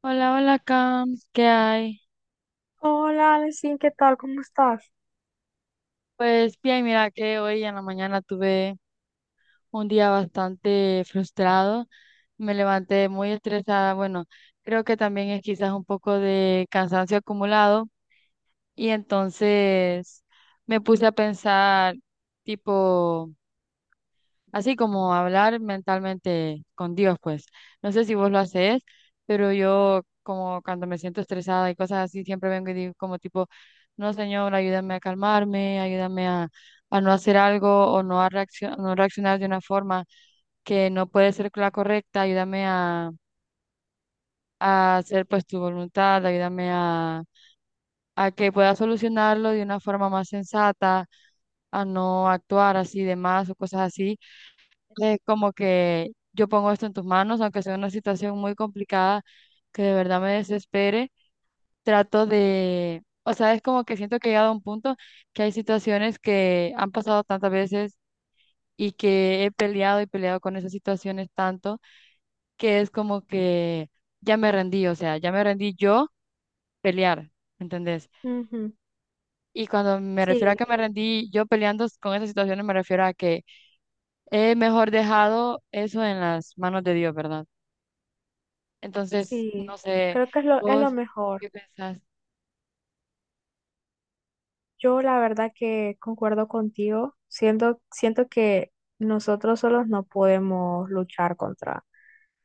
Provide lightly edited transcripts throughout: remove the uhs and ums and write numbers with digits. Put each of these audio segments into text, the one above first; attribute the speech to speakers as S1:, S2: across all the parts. S1: Hola, hola, Cam, ¿qué hay?
S2: Hola, Alexín, ¿qué tal? ¿Cómo estás?
S1: Pues bien, mira que hoy en la mañana tuve un día bastante frustrado, me levanté muy estresada, bueno, creo que también es quizás un poco de cansancio acumulado y entonces me puse a pensar, tipo, así como hablar mentalmente con Dios, pues. No sé si vos lo haces, pero yo como cuando me siento estresada y cosas así, siempre vengo y digo como tipo, no, Señor, ayúdame a calmarme, ayúdame a no hacer algo o no a no reaccionar de una forma que no puede ser la correcta, ayúdame a hacer pues tu voluntad, ayúdame a que pueda solucionarlo de una forma más sensata, a no actuar así de más o cosas así, como que yo pongo esto en tus manos, aunque sea una situación muy complicada que de verdad me desespere, trato de, o sea, es como que siento que he llegado a un punto que hay situaciones que han pasado tantas veces y que he peleado y peleado con esas situaciones tanto que es como que ya me rendí, o sea, ya me rendí yo pelear, ¿entendés?
S2: Ujú.
S1: Y cuando me refiero a
S2: Sí,
S1: que me rendí yo peleando con esas situaciones, me refiero a que he mejor dejado eso en las manos de Dios, ¿verdad? Entonces, no
S2: sí,
S1: sé,
S2: creo que es lo
S1: vos,
S2: mejor.
S1: ¿qué pensás?
S2: Yo la verdad que concuerdo contigo. Siento que nosotros solos no podemos luchar contra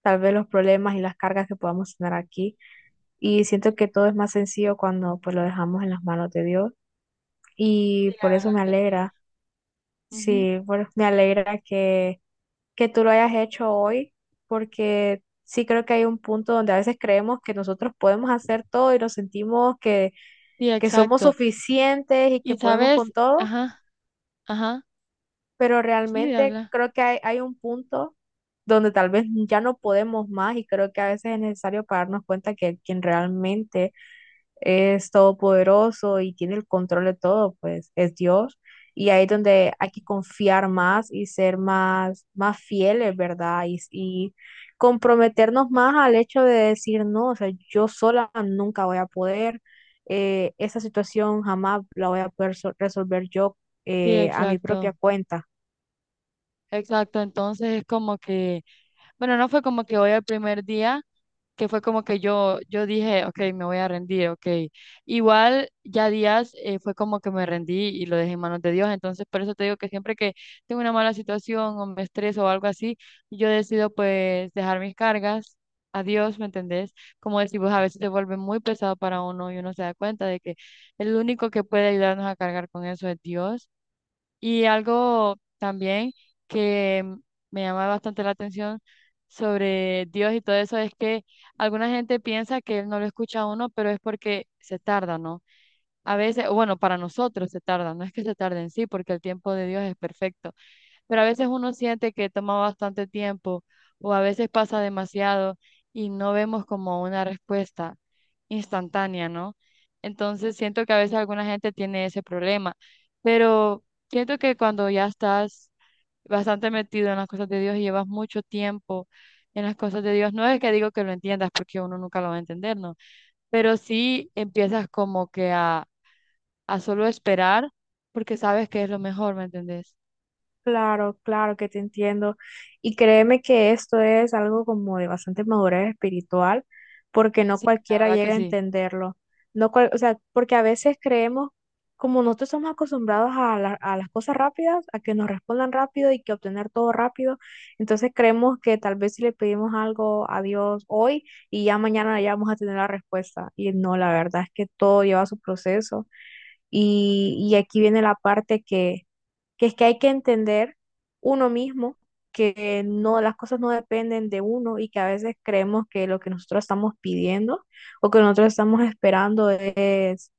S2: tal vez los problemas y las cargas que podamos tener aquí. Y siento que todo es más sencillo cuando pues lo dejamos en las manos de Dios.
S1: Sí,
S2: Y
S1: la
S2: por eso me
S1: verdad que sí.
S2: alegra,
S1: Ujú.
S2: sí, me alegra que tú lo hayas hecho hoy, porque sí creo que hay un punto donde a veces creemos que nosotros podemos hacer todo y nos sentimos
S1: Sí,
S2: que somos
S1: exacto.
S2: suficientes y
S1: Y
S2: que podemos
S1: sabes,
S2: con todo,
S1: ajá, ajá,
S2: pero
S1: sí, de
S2: realmente
S1: habla.
S2: creo que hay un punto donde tal vez ya no podemos más y creo que a veces es necesario para darnos cuenta que quien realmente es todopoderoso y tiene el control de todo, pues es Dios. Y ahí es donde hay que confiar más y ser más, más fieles, ¿verdad? Y comprometernos más al hecho de decir, no, o sea, yo sola nunca voy a poder, esa situación jamás la voy a poder resolver yo
S1: Sí,
S2: a mi
S1: exacto.
S2: propia cuenta.
S1: Exacto, entonces es como que bueno, no fue como que hoy el primer día, que fue como que yo dije, ok, me voy a rendir, ok. Igual ya días, fue como que me rendí y lo dejé en manos de Dios. Entonces, por eso te digo que siempre que tengo una mala situación o me estreso o algo así, yo decido pues dejar mis cargas a Dios, ¿me entendés? Como decís, vos, a veces se vuelve muy pesado para uno y uno se da cuenta de que el único que puede ayudarnos a cargar con eso es Dios. Y algo también que me llama bastante la atención sobre Dios y todo eso es que alguna gente piensa que Él no lo escucha a uno, pero es porque se tarda, ¿no? A veces, o bueno, para nosotros se tarda, no es que se tarde en sí, porque el tiempo de Dios es perfecto, pero a veces uno siente que toma bastante tiempo o a veces pasa demasiado y no vemos como una respuesta instantánea, ¿no? Entonces siento que a veces alguna gente tiene ese problema, pero siento que cuando ya estás bastante metido en las cosas de Dios y llevas mucho tiempo en las cosas de Dios, no es que digo que lo entiendas porque uno nunca lo va a entender, ¿no? Pero sí empiezas como que a solo esperar porque sabes que es lo mejor, ¿me entendés?
S2: Claro, claro que te entiendo. Y créeme que esto es algo como de bastante madurez espiritual, porque no
S1: Sí, la
S2: cualquiera
S1: verdad que
S2: llega a
S1: sí.
S2: entenderlo. No cual- O sea, porque a veces creemos, como nosotros somos acostumbrados a, a las cosas rápidas, a que nos respondan rápido y que obtener todo rápido, entonces creemos que tal vez si le pedimos algo a Dios hoy y ya mañana ya vamos a tener la respuesta. Y no, la verdad es que todo lleva su proceso. Y aquí viene la parte que es que hay que entender uno mismo que no, las cosas no dependen de uno y que a veces creemos que lo que nosotros estamos pidiendo o que nosotros estamos esperando es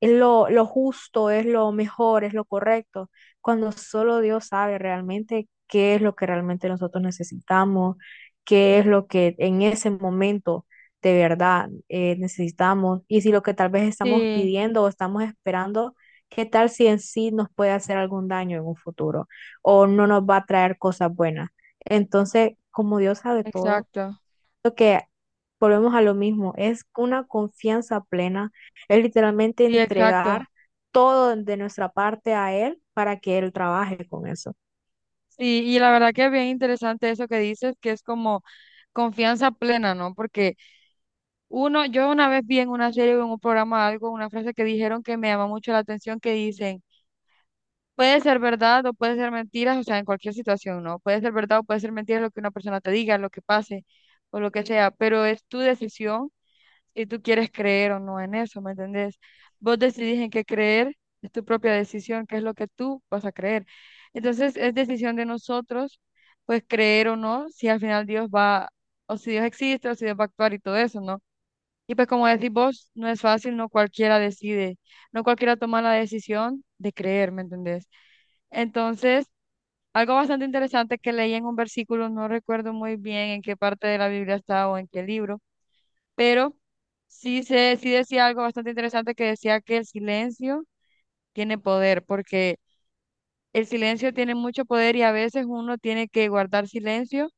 S2: es lo justo, es lo mejor, es lo correcto, cuando solo Dios sabe realmente qué es lo que realmente nosotros necesitamos, qué es lo que en ese momento de verdad necesitamos y si lo que tal vez estamos
S1: Sí,
S2: pidiendo o estamos esperando, qué tal si en sí nos puede hacer algún daño en un futuro o no nos va a traer cosas buenas. Entonces, como Dios sabe todo,
S1: exacto,
S2: lo que volvemos a lo mismo, es una confianza plena, es literalmente
S1: sí, exacto.
S2: entregar todo de nuestra parte a él para que él trabaje con eso.
S1: Sí, y la verdad que es bien interesante eso que dices, que es como confianza plena, ¿no? Porque uno, yo una vez vi en una serie o en un programa algo, una frase que dijeron que me llama mucho la atención, que dicen, puede ser verdad o puede ser mentiras, o sea, en cualquier situación, ¿no? Puede ser verdad o puede ser mentira lo que una persona te diga, lo que pase o lo que sea, pero es tu decisión y tú quieres creer o no en eso, ¿me entendés? Vos decidís en qué creer, es tu propia decisión, qué es lo que tú vas a creer. Entonces es decisión de nosotros, pues creer o no, si al final Dios va, o si Dios existe, o si Dios va a actuar y todo eso, ¿no? Y pues como decís vos, no es fácil, no cualquiera decide, no cualquiera toma la decisión de creer, ¿me entendés? Entonces, algo bastante interesante que leí en un versículo, no recuerdo muy bien en qué parte de la Biblia está o en qué libro, pero sí, sí decía algo bastante interesante que decía que el silencio tiene poder, porque el silencio tiene mucho poder y a veces uno tiene que guardar silencio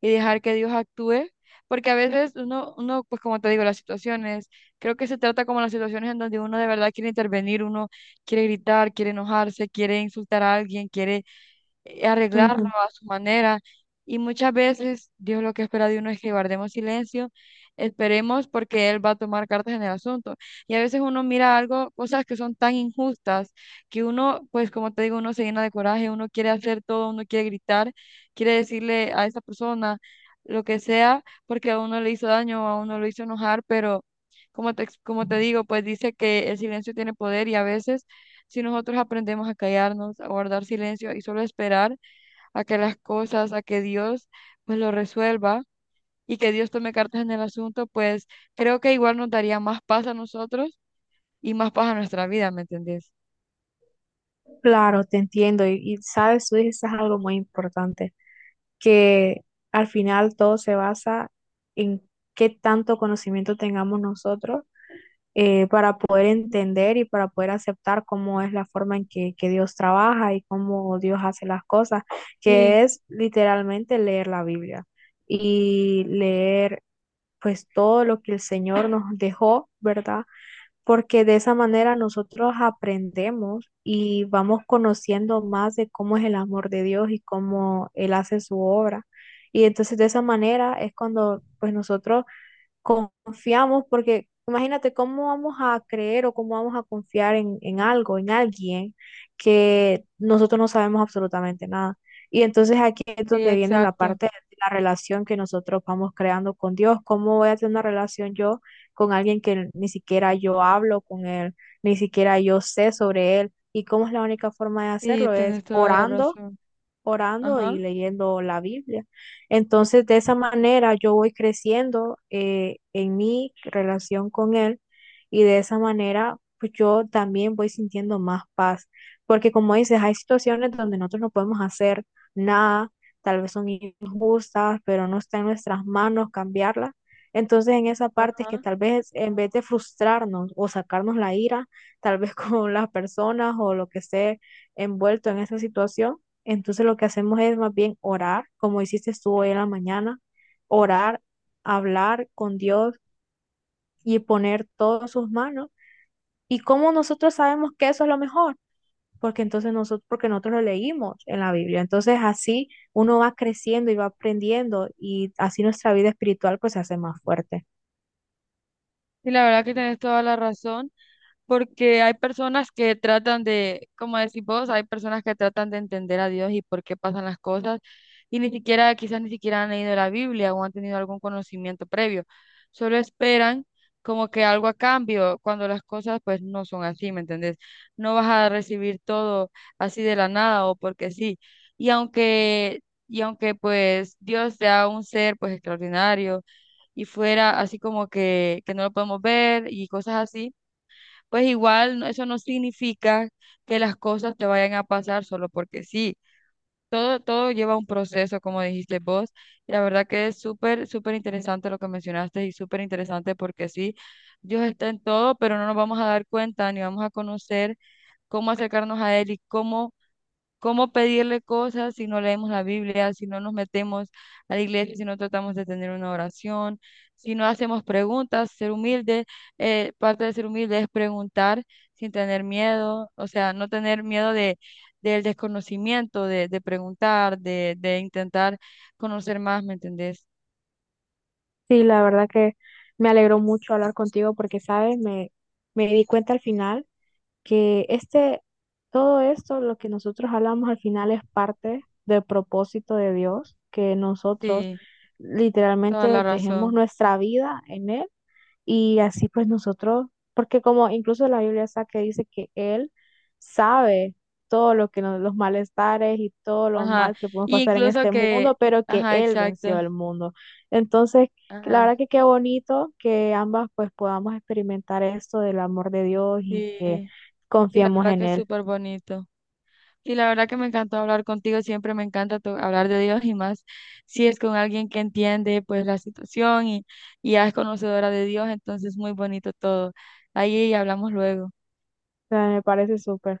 S1: y dejar que Dios actúe, porque a veces uno, pues como te digo, las situaciones, creo que se trata como las situaciones en donde uno de verdad quiere intervenir, uno quiere gritar, quiere enojarse, quiere insultar a alguien, quiere arreglarlo
S2: Ujú.
S1: a su manera. Y muchas veces Dios lo que espera de uno es que guardemos silencio, esperemos porque Él va a tomar cartas en el asunto. Y a veces uno mira algo, cosas que son tan injustas, que uno, pues como te digo, uno se llena de coraje, uno quiere hacer todo, uno quiere gritar, quiere decirle a esa persona lo que sea, porque a uno le hizo daño, a uno lo hizo enojar, pero como te digo, pues dice que el silencio tiene poder y a veces, si nosotros aprendemos a callarnos, a guardar silencio y solo esperar a que las cosas, a que Dios pues lo resuelva y que Dios tome cartas en el asunto, pues creo que igual nos daría más paz a nosotros y más paz a nuestra vida, ¿me entendés?
S2: Claro, te entiendo y sabes, tú dices algo muy importante, que al final todo se basa en qué tanto conocimiento tengamos nosotros para poder entender y para poder aceptar cómo es la forma en que Dios trabaja y cómo Dios hace las cosas, que
S1: Sí,
S2: es literalmente leer la Biblia y leer pues todo lo que el Señor nos dejó, ¿verdad? Porque de esa manera nosotros aprendemos y vamos conociendo más de cómo es el amor de Dios y cómo Él hace su obra. Y entonces de esa manera es cuando pues nosotros confiamos, porque imagínate cómo vamos a creer o cómo vamos a confiar en algo, en alguien que nosotros no sabemos absolutamente nada. Y entonces aquí es
S1: sí,
S2: donde viene la
S1: exacto.
S2: parte de la relación que nosotros vamos creando con Dios. ¿Cómo voy a tener una relación yo con alguien que ni siquiera yo hablo con él, ni siquiera yo sé sobre él? Y cómo es la única forma de
S1: Sí,
S2: hacerlo es
S1: tenés toda la razón.
S2: orando y
S1: Ajá,
S2: leyendo la Biblia. Entonces, de esa manera yo voy creciendo en mi relación con Él y de esa manera pues yo también voy sintiendo más paz, porque como dices, hay situaciones donde nosotros no podemos hacer nada, tal vez son injustas, pero no está en nuestras manos cambiarlas. Entonces, en esa parte es que
S1: ajá.
S2: tal vez en vez de frustrarnos o sacarnos la ira, tal vez con las personas o lo que esté envuelto en esa situación, entonces lo que hacemos es más bien orar, como hiciste tú hoy en la mañana, orar, hablar con Dios y poner todo en sus manos. ¿Y cómo nosotros sabemos que eso es lo mejor? Porque entonces nosotros, porque nosotros lo leímos en la Biblia. Entonces así uno va creciendo y va aprendiendo y así nuestra vida espiritual pues se hace más fuerte.
S1: Sí, la verdad que tenés toda la razón. Porque hay personas que tratan de, como decís vos, hay personas que tratan de entender a Dios y por qué pasan las cosas y ni siquiera, quizás ni siquiera han leído la Biblia o han tenido algún conocimiento previo, solo esperan como que algo a cambio cuando las cosas pues no son así, ¿me entendés? No vas a recibir todo así de la nada o porque sí. Y aunque, y aunque pues Dios sea un ser pues extraordinario y fuera así como que no lo podemos ver y cosas así, pues igual eso no significa que las cosas te vayan a pasar solo porque sí. Todo, todo lleva un proceso, como dijiste vos. Y la verdad que es súper, súper interesante lo que mencionaste y súper interesante porque sí, Dios está en todo, pero no nos vamos a dar cuenta ni vamos a conocer cómo acercarnos a Él y cómo cómo pedirle cosas si no leemos la Biblia, si no nos metemos a la iglesia, si no tratamos de tener una oración, si no hacemos preguntas, ser humilde, parte de ser humilde es preguntar sin tener miedo, o sea, no tener miedo de del desconocimiento, de preguntar, de intentar conocer más, ¿me entendés?
S2: Sí, la verdad que me alegró mucho hablar contigo porque, ¿sabes? Me di cuenta al final que este, todo esto, lo que nosotros hablamos al final es parte del propósito de Dios, que nosotros
S1: Sí, toda
S2: literalmente
S1: la
S2: dejemos
S1: razón.
S2: nuestra vida en Él y así pues nosotros, porque como incluso la Biblia está que dice que Él sabe todo lo que nos, los malestares y todo lo
S1: Ajá,
S2: mal que podemos
S1: y
S2: pasar en
S1: incluso
S2: este mundo,
S1: que,
S2: pero que
S1: ajá,
S2: Él
S1: exacto,
S2: venció el mundo. Entonces, la
S1: ajá,
S2: verdad que qué bonito que ambas pues podamos experimentar esto del amor de Dios y
S1: sí,
S2: que
S1: sí, la
S2: confiemos
S1: verdad
S2: en
S1: que es
S2: Él.
S1: súper bonito. Sí, la verdad que me encantó hablar contigo, siempre me encanta hablar de Dios y más si es con alguien que entiende pues la situación y ya es conocedora de Dios, entonces muy bonito todo. Ahí hablamos luego.
S2: O sea, me parece súper.